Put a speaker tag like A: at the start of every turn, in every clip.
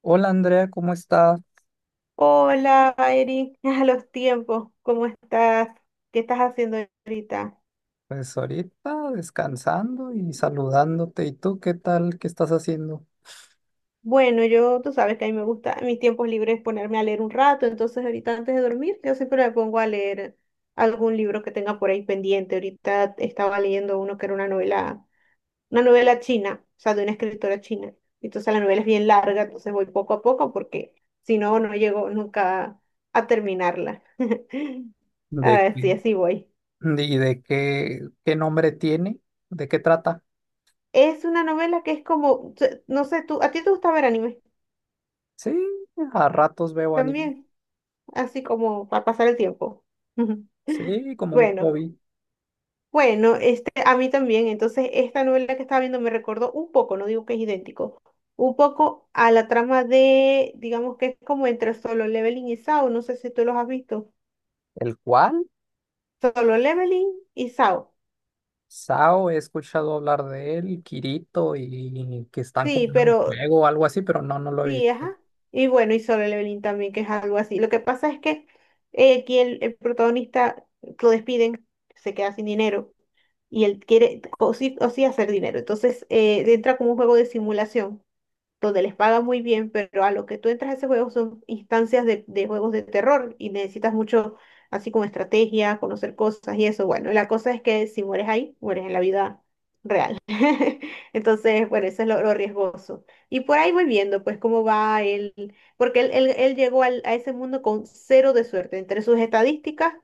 A: Hola Andrea, ¿cómo estás?
B: Hola, Eric, a los tiempos, ¿cómo estás? ¿Qué estás haciendo ahorita?
A: Pues ahorita descansando y saludándote. ¿Y tú qué tal? ¿Qué estás haciendo?
B: Bueno, yo, tú sabes que a mí me gusta, en mis tiempos libres ponerme a leer un rato, entonces ahorita antes de dormir, yo siempre me pongo a leer algún libro que tenga por ahí pendiente. Ahorita estaba leyendo uno que era una novela china, o sea, de una escritora china. Entonces la novela es bien larga, entonces voy poco a poco porque si no, no llego nunca a terminarla. A
A: ¿De
B: ver, sí,
A: qué?
B: así voy.
A: ¿Y de qué, qué nombre tiene? ¿De qué trata?
B: Es una novela que es como, no sé, tú, a ti te gusta ver anime
A: Sí, a ratos veo anime.
B: también, así como para pasar el tiempo.
A: Sí, como un
B: Bueno,
A: hobby.
B: bueno, a mí también. Entonces, esta novela que estaba viendo me recordó un poco, no digo que es idéntico, un poco a la trama de, digamos que es como entre Solo Leveling y SAO. No sé si tú los has visto.
A: ¿El cual?
B: Solo Leveling y SAO.
A: Sao, he escuchado hablar de él, Kirito, y que están
B: Sí,
A: como en un
B: pero
A: juego o algo así, pero no, no lo he
B: sí,
A: visto.
B: ajá. Y bueno, y Solo Leveling también, que es algo así. Lo que pasa es que aquí el protagonista lo despiden, se queda sin dinero y él quiere o sí hacer dinero. Entonces entra como un juego de simulación donde les pagan muy bien, pero a lo que tú entras a ese juego son instancias de juegos de terror y necesitas mucho, así como estrategia, conocer cosas y eso. Bueno, la cosa es que si mueres ahí, mueres en la vida real. Entonces, bueno, eso es lo riesgoso. Y por ahí voy viendo, pues, cómo va él, porque él llegó a ese mundo con cero de suerte. Entre sus estadísticas,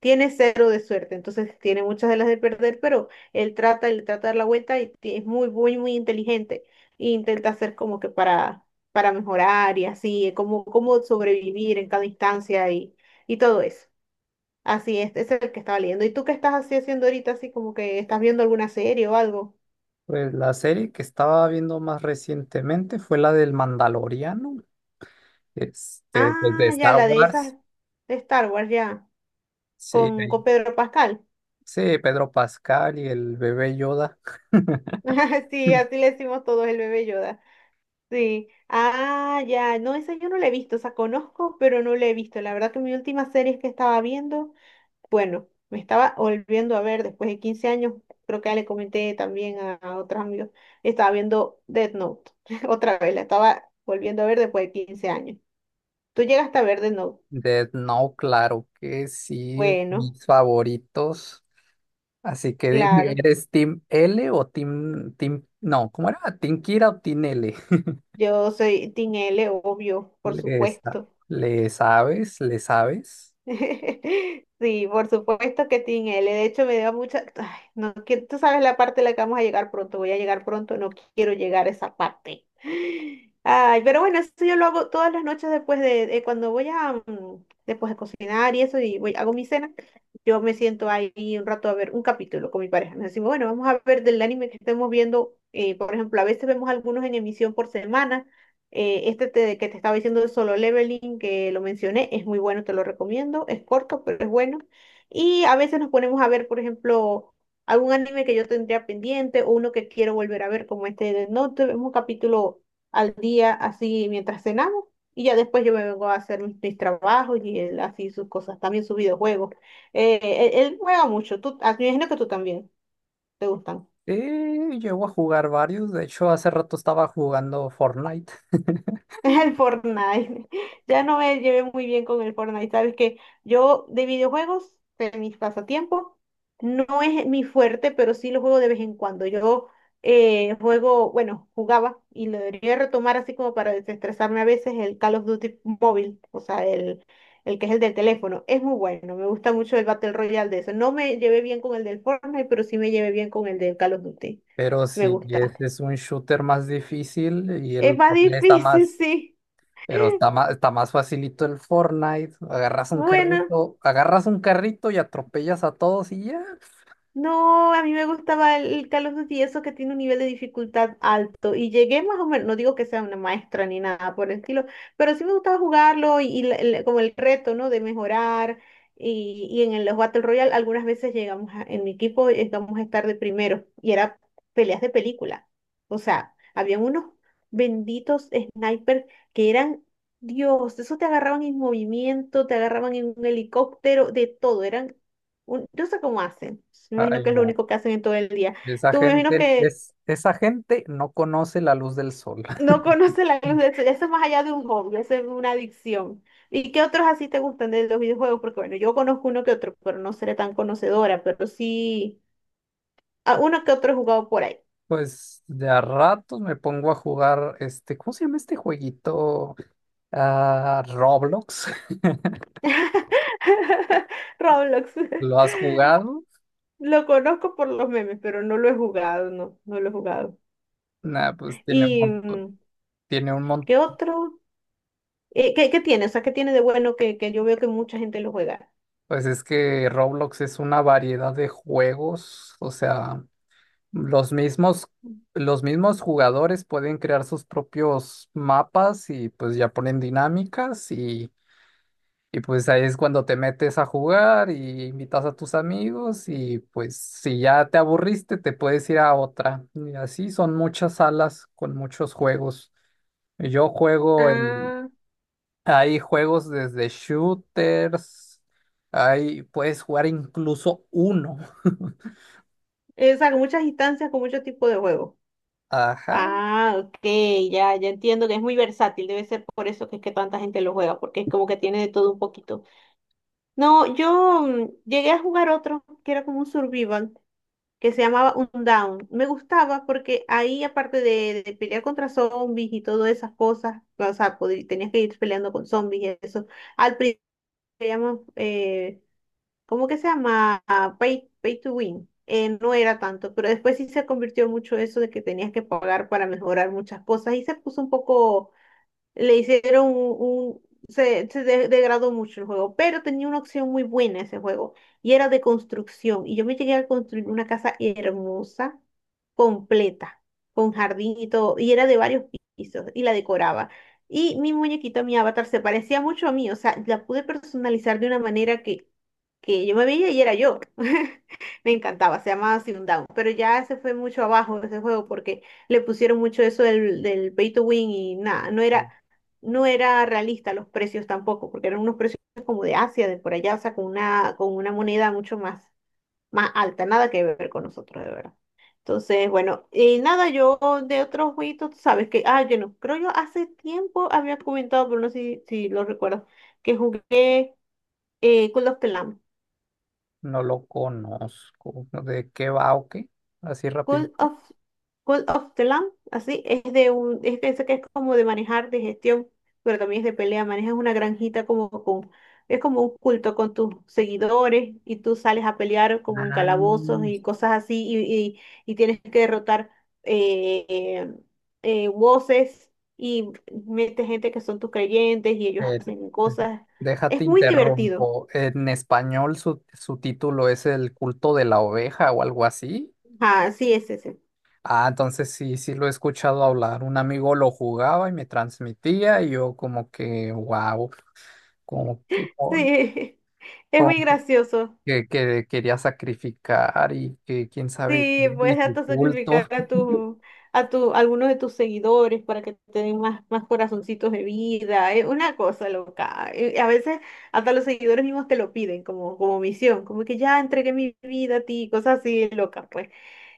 B: tiene cero de suerte, entonces tiene muchas de las de perder, pero él trata de dar la vuelta y es muy, muy, muy inteligente. E intenta hacer como que para mejorar y así, como sobrevivir en cada instancia y todo eso. Así es, ese es el que estaba leyendo. ¿Y tú qué estás así haciendo ahorita, así como que estás viendo alguna serie o algo?
A: Pues la serie que estaba viendo más recientemente fue la del Mandaloriano, pues de
B: Ah, ya,
A: Star
B: la de esas
A: Wars.
B: de Star Wars, ya,
A: Sí,
B: con
A: ahí-
B: Pedro Pascal.
A: sí, Pedro Pascal y el bebé Yoda.
B: Sí, así le decimos todos el bebé Yoda. Sí. Ah, ya. No, esa yo no la he visto. O sea, conozco, pero no la he visto. La verdad que mi última serie que estaba viendo, bueno, me estaba volviendo a ver después de 15 años. Creo que ya le comenté también a otros amigos. Estaba viendo Death Note. Otra vez, la estaba volviendo a ver después de 15 años. ¿Tú llegaste a ver Death Note?
A: Death Note, claro que sí,
B: Bueno,
A: mis favoritos. Así que dime,
B: claro.
A: ¿eres Team L o no, ¿cómo era? ¿Team Kira o Team L?
B: Yo soy Team L, obvio, por
A: ¿Le,
B: supuesto.
A: le sabes? ¿Le sabes?
B: Sí, por supuesto que tiene L. De hecho, me dio mucha. Ay, no quiero. Tú sabes la parte a la que vamos a llegar pronto. Voy a llegar pronto. No quiero llegar a esa parte. Ay, pero bueno, eso yo lo hago todas las noches después de cuando voy a después de cocinar y eso y voy hago mi cena. Yo me siento ahí un rato a ver un capítulo con mi pareja. Nos decimos, bueno, vamos a ver del anime que estemos viendo. Por ejemplo, a veces vemos algunos en emisión por semana. Que te estaba diciendo de Solo Leveling, que lo mencioné, es muy bueno, te lo recomiendo. Es corto, pero es bueno. Y a veces nos ponemos a ver, por ejemplo, algún anime que yo tendría pendiente o uno que quiero volver a ver, como este de Death Note. Vemos un capítulo al día, así mientras cenamos. Y ya después yo me vengo a hacer mis trabajos y él así sus cosas, también sus videojuegos. Eh, él juega mucho. Me imagino que tú también te gustan.
A: Llego a jugar varios, de hecho hace rato estaba jugando Fortnite.
B: El Fortnite. Ya no me llevé muy bien con el Fortnite. Sabes que yo de videojuegos, de mis pasatiempos, no es mi fuerte, pero sí lo juego de vez en cuando. Yo Juego, bueno, jugaba y lo debería retomar así como para desestresarme a veces el Call of Duty móvil, o sea, el que es el del teléfono. Es muy bueno, me gusta mucho el Battle Royale de eso. No me llevé bien con el del Fortnite, pero sí me llevé bien con el del Call of Duty.
A: Pero
B: Me
A: sí,
B: gusta.
A: es un shooter más difícil y
B: Es
A: el
B: más
A: Fortnite está
B: difícil,
A: más.
B: sí.
A: Pero está más facilito el Fortnite.
B: Bueno.
A: Agarras un carrito y atropellas a todos y ya.
B: No, a mí me gustaba el Call of Duty, eso que tiene un nivel de dificultad alto. Y llegué más o menos, no digo que sea una maestra ni nada por el estilo, pero sí me gustaba jugarlo y como el reto, ¿no? De mejorar. Y en los Battle Royale algunas veces en mi equipo, llegamos a estar de primero. Y era peleas de película. O sea, habían unos benditos snipers que eran, Dios, eso te agarraban en movimiento, te agarraban en un helicóptero, de todo. Eran yo sé cómo hacen. Me imagino
A: Ay,
B: que es lo
A: no.
B: único que hacen en todo el día. Tú me imagino que
A: Es, esa gente no conoce la luz del sol.
B: no conoces la luz de sol. Eso es más allá de un hobby, eso es una adicción. ¿Y qué otros así te gustan de los videojuegos? Porque bueno, yo conozco uno que otro, pero no seré tan conocedora, pero sí, a uno que otro he jugado por ahí.
A: Pues de a ratos me pongo a jugar este, ¿cómo se llama este jueguito? Ah, Roblox.
B: Roblox.
A: ¿Lo has jugado?
B: Lo conozco por los memes, pero no lo he jugado, no, no lo he jugado.
A: Nah,
B: ¿Y
A: tiene un montón.
B: qué otro? ¿Qué tiene? O sea, ¿qué tiene de bueno que yo veo que mucha gente lo juega?
A: Pues es que Roblox es una variedad de juegos, o sea, Los mismos, los mismos jugadores pueden crear sus propios mapas y pues ya ponen dinámicas, y pues ahí es cuando te metes a jugar y invitas a tus amigos y pues si ya te aburriste te puedes ir a otra. Y así son muchas salas con muchos juegos. Yo juego en,
B: Ah,
A: Hay juegos desde shooters, hay, puedes jugar incluso uno.
B: o sea, con muchas instancias, con muchos tipos de juegos.
A: Ajá.
B: Ah, ok, ya, ya entiendo que es muy versátil, debe ser por eso que es que tanta gente lo juega, porque es como que tiene de todo un poquito. No, yo llegué a jugar otro que era como un survival, que se llamaba Undown. Me gustaba porque ahí, aparte de pelear contra zombies y todas esas cosas, o sea, tenías que ir peleando con zombies y eso, al principio ¿cómo que se llama? Ah, pay to win. No era tanto, pero después sí se convirtió mucho eso de que tenías que pagar para mejorar muchas cosas y se puso un poco le hicieron se degradó mucho el juego, pero tenía una opción muy buena ese juego y era de construcción. Y yo me llegué a construir una casa hermosa, completa, con jardín y todo, y era de varios pisos y la decoraba. Y mi muñequito, mi avatar, se parecía mucho a mí, o sea, la pude personalizar de una manera que yo me veía y era yo. Me encantaba, se llamaba Down, pero ya se fue mucho abajo ese juego porque le pusieron mucho eso del pay to win y nada, no era realista los precios tampoco, porque eran unos precios como de Asia, de por allá, o sea, con una moneda mucho más, más alta, nada que ver con nosotros, de verdad. Entonces, bueno, y nada, yo de otros jueguitos, tú sabes que, ah, yo no, creo yo hace tiempo había comentado, pero no sé si lo recuerdo, que jugué Call of the Lamb.
A: No lo conozco, ¿no? ¿De qué va o qué? Así rápido.
B: Call of, Call of the Lamb, así, es de un, es que ese que es como de manejar, de gestión, pero también es de pelea, manejas una granjita como con, es como un culto con tus seguidores y tú sales a pelear como en
A: Ah,
B: calabozos y cosas así y tienes que derrotar eh, voces y metes gente que son tus creyentes y ellos
A: el-
B: hacen cosas.
A: déjate
B: Es muy divertido.
A: interrumpo. En español su título es El culto de la oveja o algo así.
B: Ah, sí, es ese.
A: Ah, entonces sí, sí lo he escuchado hablar. Un amigo lo jugaba y me transmitía y yo como que, wow, como que, con-
B: Sí, es muy
A: como que
B: gracioso.
A: que quería sacrificar y que quién sabe
B: Sí,
A: qué y
B: puedes
A: su
B: hasta
A: culto.
B: sacrificar a tu, a tu, a algunos de tus seguidores para que te den más, más corazoncitos de vida. Es una cosa loca. A veces hasta los seguidores mismos te lo piden como, como misión, como que ya entregué mi vida a ti, cosas así locas, pues.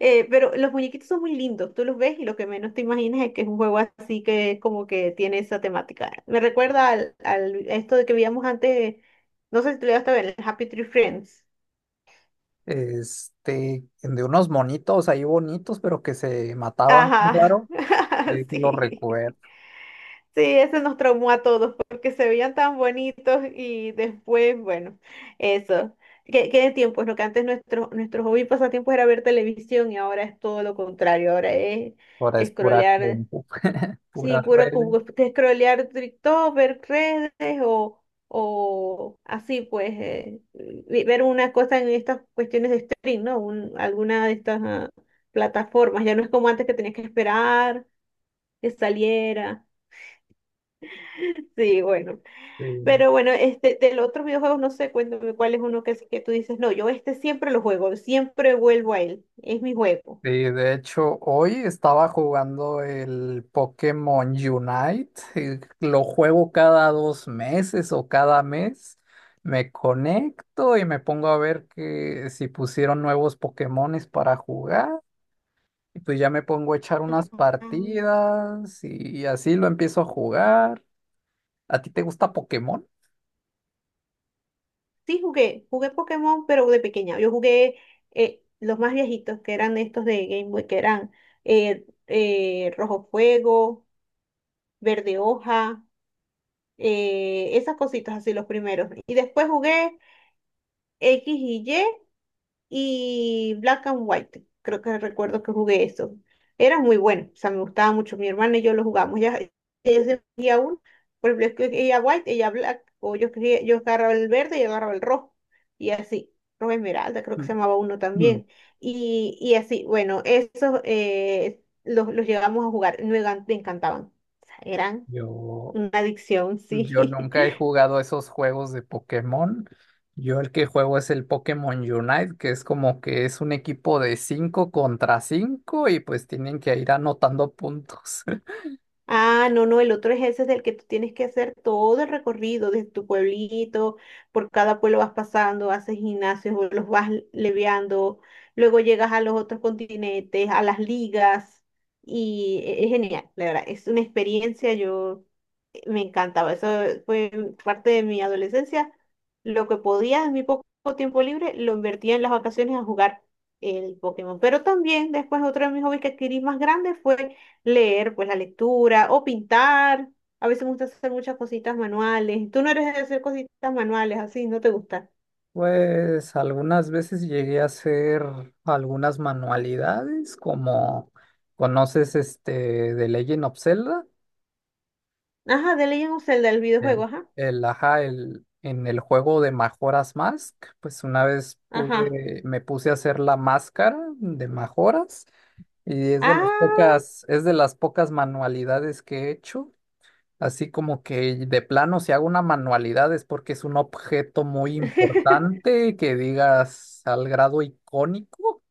B: Pero los muñequitos son muy lindos, tú los ves y lo que menos te imaginas es que es un juego así que es como que tiene esa temática. Me recuerda al esto de que veíamos antes, no sé si tú lo llegaste a ver, el Happy Tree Friends.
A: Este, de unos monitos ahí bonitos, pero que se mataban,
B: Ajá,
A: claro, sí, sí lo
B: sí.
A: recuerdo.
B: Sí, ese nos traumó a todos porque se veían tan bonitos y después, bueno, eso. ¿Qué, qué de tiempos? Lo que antes nuestro hobby y pasatiempo era ver televisión y ahora es todo lo contrario. Ahora es
A: Ahora es pura
B: scrollear,
A: compu,
B: sí,
A: puras
B: puro
A: redes,
B: como que scrollear TikTok, ver redes o así, pues, ver una cosa en estas cuestiones de stream, ¿no? Alguna de estas plataformas. Ya no es como antes que tenías que esperar que saliera. Sí, bueno.
A: sí.
B: Pero bueno, del otro videojuego, no sé, cuéntame cuál es uno que tú dices, no, yo siempre lo juego, siempre vuelvo a él, es mi juego.
A: Sí, de hecho, hoy estaba jugando el Pokémon Unite. Lo juego cada dos meses o cada mes, me conecto y me pongo a ver que si pusieron nuevos Pokémones para jugar. Y pues ya me pongo a echar unas
B: Mm.
A: partidas y así lo empiezo a jugar. ¿A ti te gusta Pokémon?
B: Sí, jugué Pokémon, pero de pequeña. Yo jugué los más viejitos, que eran estos de Game Boy, que eran Rojo Fuego, Verde Hoja, esas cositas así, los primeros. Y después jugué X y Y, y Black and White. Creo que recuerdo que jugué eso. Era muy bueno, o sea, me gustaba mucho. Mi hermana y yo lo jugamos. Ella escogía uno, por ejemplo, ella white, ella black, o yo, yo agarraba el verde y agarraba el rojo, y así. Rojo esmeralda, creo que se
A: Mm,
B: llamaba uno
A: mm.
B: también. Y así, bueno, esos los llegamos a jugar, me encantaban. O sea, eran
A: Yo,
B: una adicción,
A: Yo
B: sí.
A: nunca he jugado esos juegos de Pokémon. Yo el que juego es el Pokémon Unite, que es como que es un equipo de 5 contra 5 y pues tienen que ir anotando puntos.
B: Ah, no, no, el otro es ese del que tú tienes que hacer todo el recorrido desde tu pueblito, por cada pueblo vas pasando, haces gimnasios, o los vas leviando, luego llegas a los otros continentes, a las ligas, y es genial, la verdad, es una experiencia, yo me encantaba, eso fue parte de mi adolescencia, lo que podía en mi poco tiempo libre lo invertía en las vacaciones a jugar el Pokémon, pero también después otro de mis hobbies que adquirí más grande fue leer, pues la lectura o pintar. A veces me gusta hacer muchas cositas manuales. Tú no eres de hacer cositas manuales así, no te gusta.
A: Pues algunas veces llegué a hacer algunas manualidades, como conoces este de Legend of Zelda.
B: Ajá, de Legend of Zelda, el videojuego,
A: El,
B: ajá.
A: ajá, el, en el juego de Majora's Mask, pues una vez
B: Ajá.
A: pude, me puse a hacer la máscara de Majoras y
B: Ah,
A: es de las pocas manualidades que he hecho. Así como que de plano, si hago una manualidad es porque es un objeto muy
B: o
A: importante que digas al grado icónico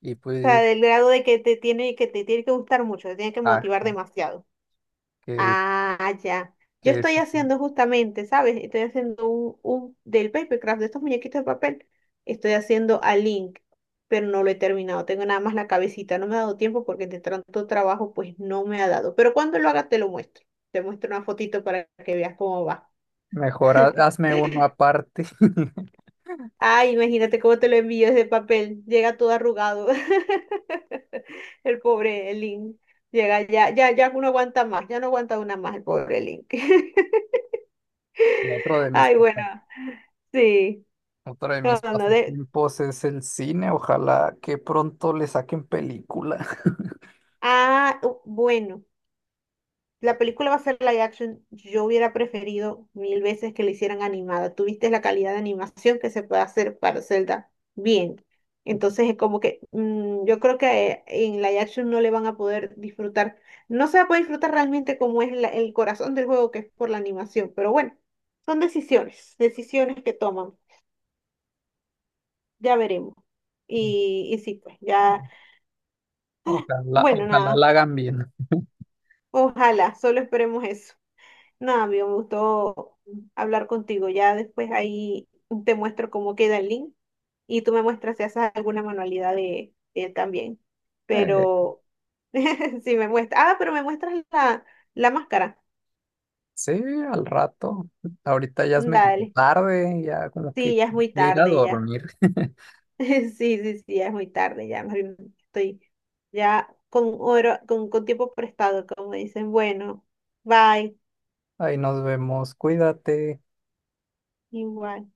A: y
B: sea,
A: pues,
B: del grado de que te tiene que gustar mucho, te tiene que
A: ah,
B: motivar demasiado.
A: que,
B: Ah, ya. Yo
A: que
B: estoy
A: es-
B: haciendo justamente, ¿sabes? Estoy haciendo un del papercraft, de estos muñequitos de papel. Estoy haciendo a Link, pero no lo he terminado. Tengo nada más la cabecita. No me ha dado tiempo porque de tanto trabajo, pues no me ha dado. Pero cuando lo haga, te lo muestro. Te muestro una fotito para que veas cómo va.
A: mejor hazme uno aparte.
B: Ay, imagínate cómo te lo envío ese papel. Llega todo arrugado. El pobre Link. Llega ya no aguanta más. Ya no aguanta una más el pobre Link.
A: otro de mis...
B: Ay, bueno, sí.
A: Otro de
B: No,
A: mis
B: no, no, de...
A: pasatiempos es el cine. Ojalá que pronto le saquen película.
B: Ah, bueno, la película va a ser live action. Yo hubiera preferido mil veces que la hicieran animada. Tuviste la calidad de animación que se puede hacer para Zelda bien. Entonces es como que yo creo que en live action no le van a poder disfrutar. No se va a poder disfrutar realmente como es el corazón del juego, que es por la animación. Pero bueno, son decisiones que toman. Ya veremos. Y sí, pues ya.
A: Ojalá,
B: Bueno,
A: ojalá
B: nada.
A: la hagan bien.
B: Ojalá, solo esperemos eso. Nada, me gustó hablar contigo. Ya después ahí te muestro cómo queda el link y tú me muestras si haces alguna manualidad de él también.
A: Eh,
B: Pero si me muestras, ah, pero me muestras la máscara.
A: sí, al rato. Ahorita ya es medio
B: Dale.
A: tarde, ya como que
B: Sí, ya es muy
A: voy a ir a
B: tarde ya.
A: dormir.
B: Sí, sí, sí, ya es muy tarde ya. Más bien estoy ya con oro, con tiempo prestado, como dicen. Bueno, bye.
A: Ahí nos vemos. Cuídate.
B: Igual.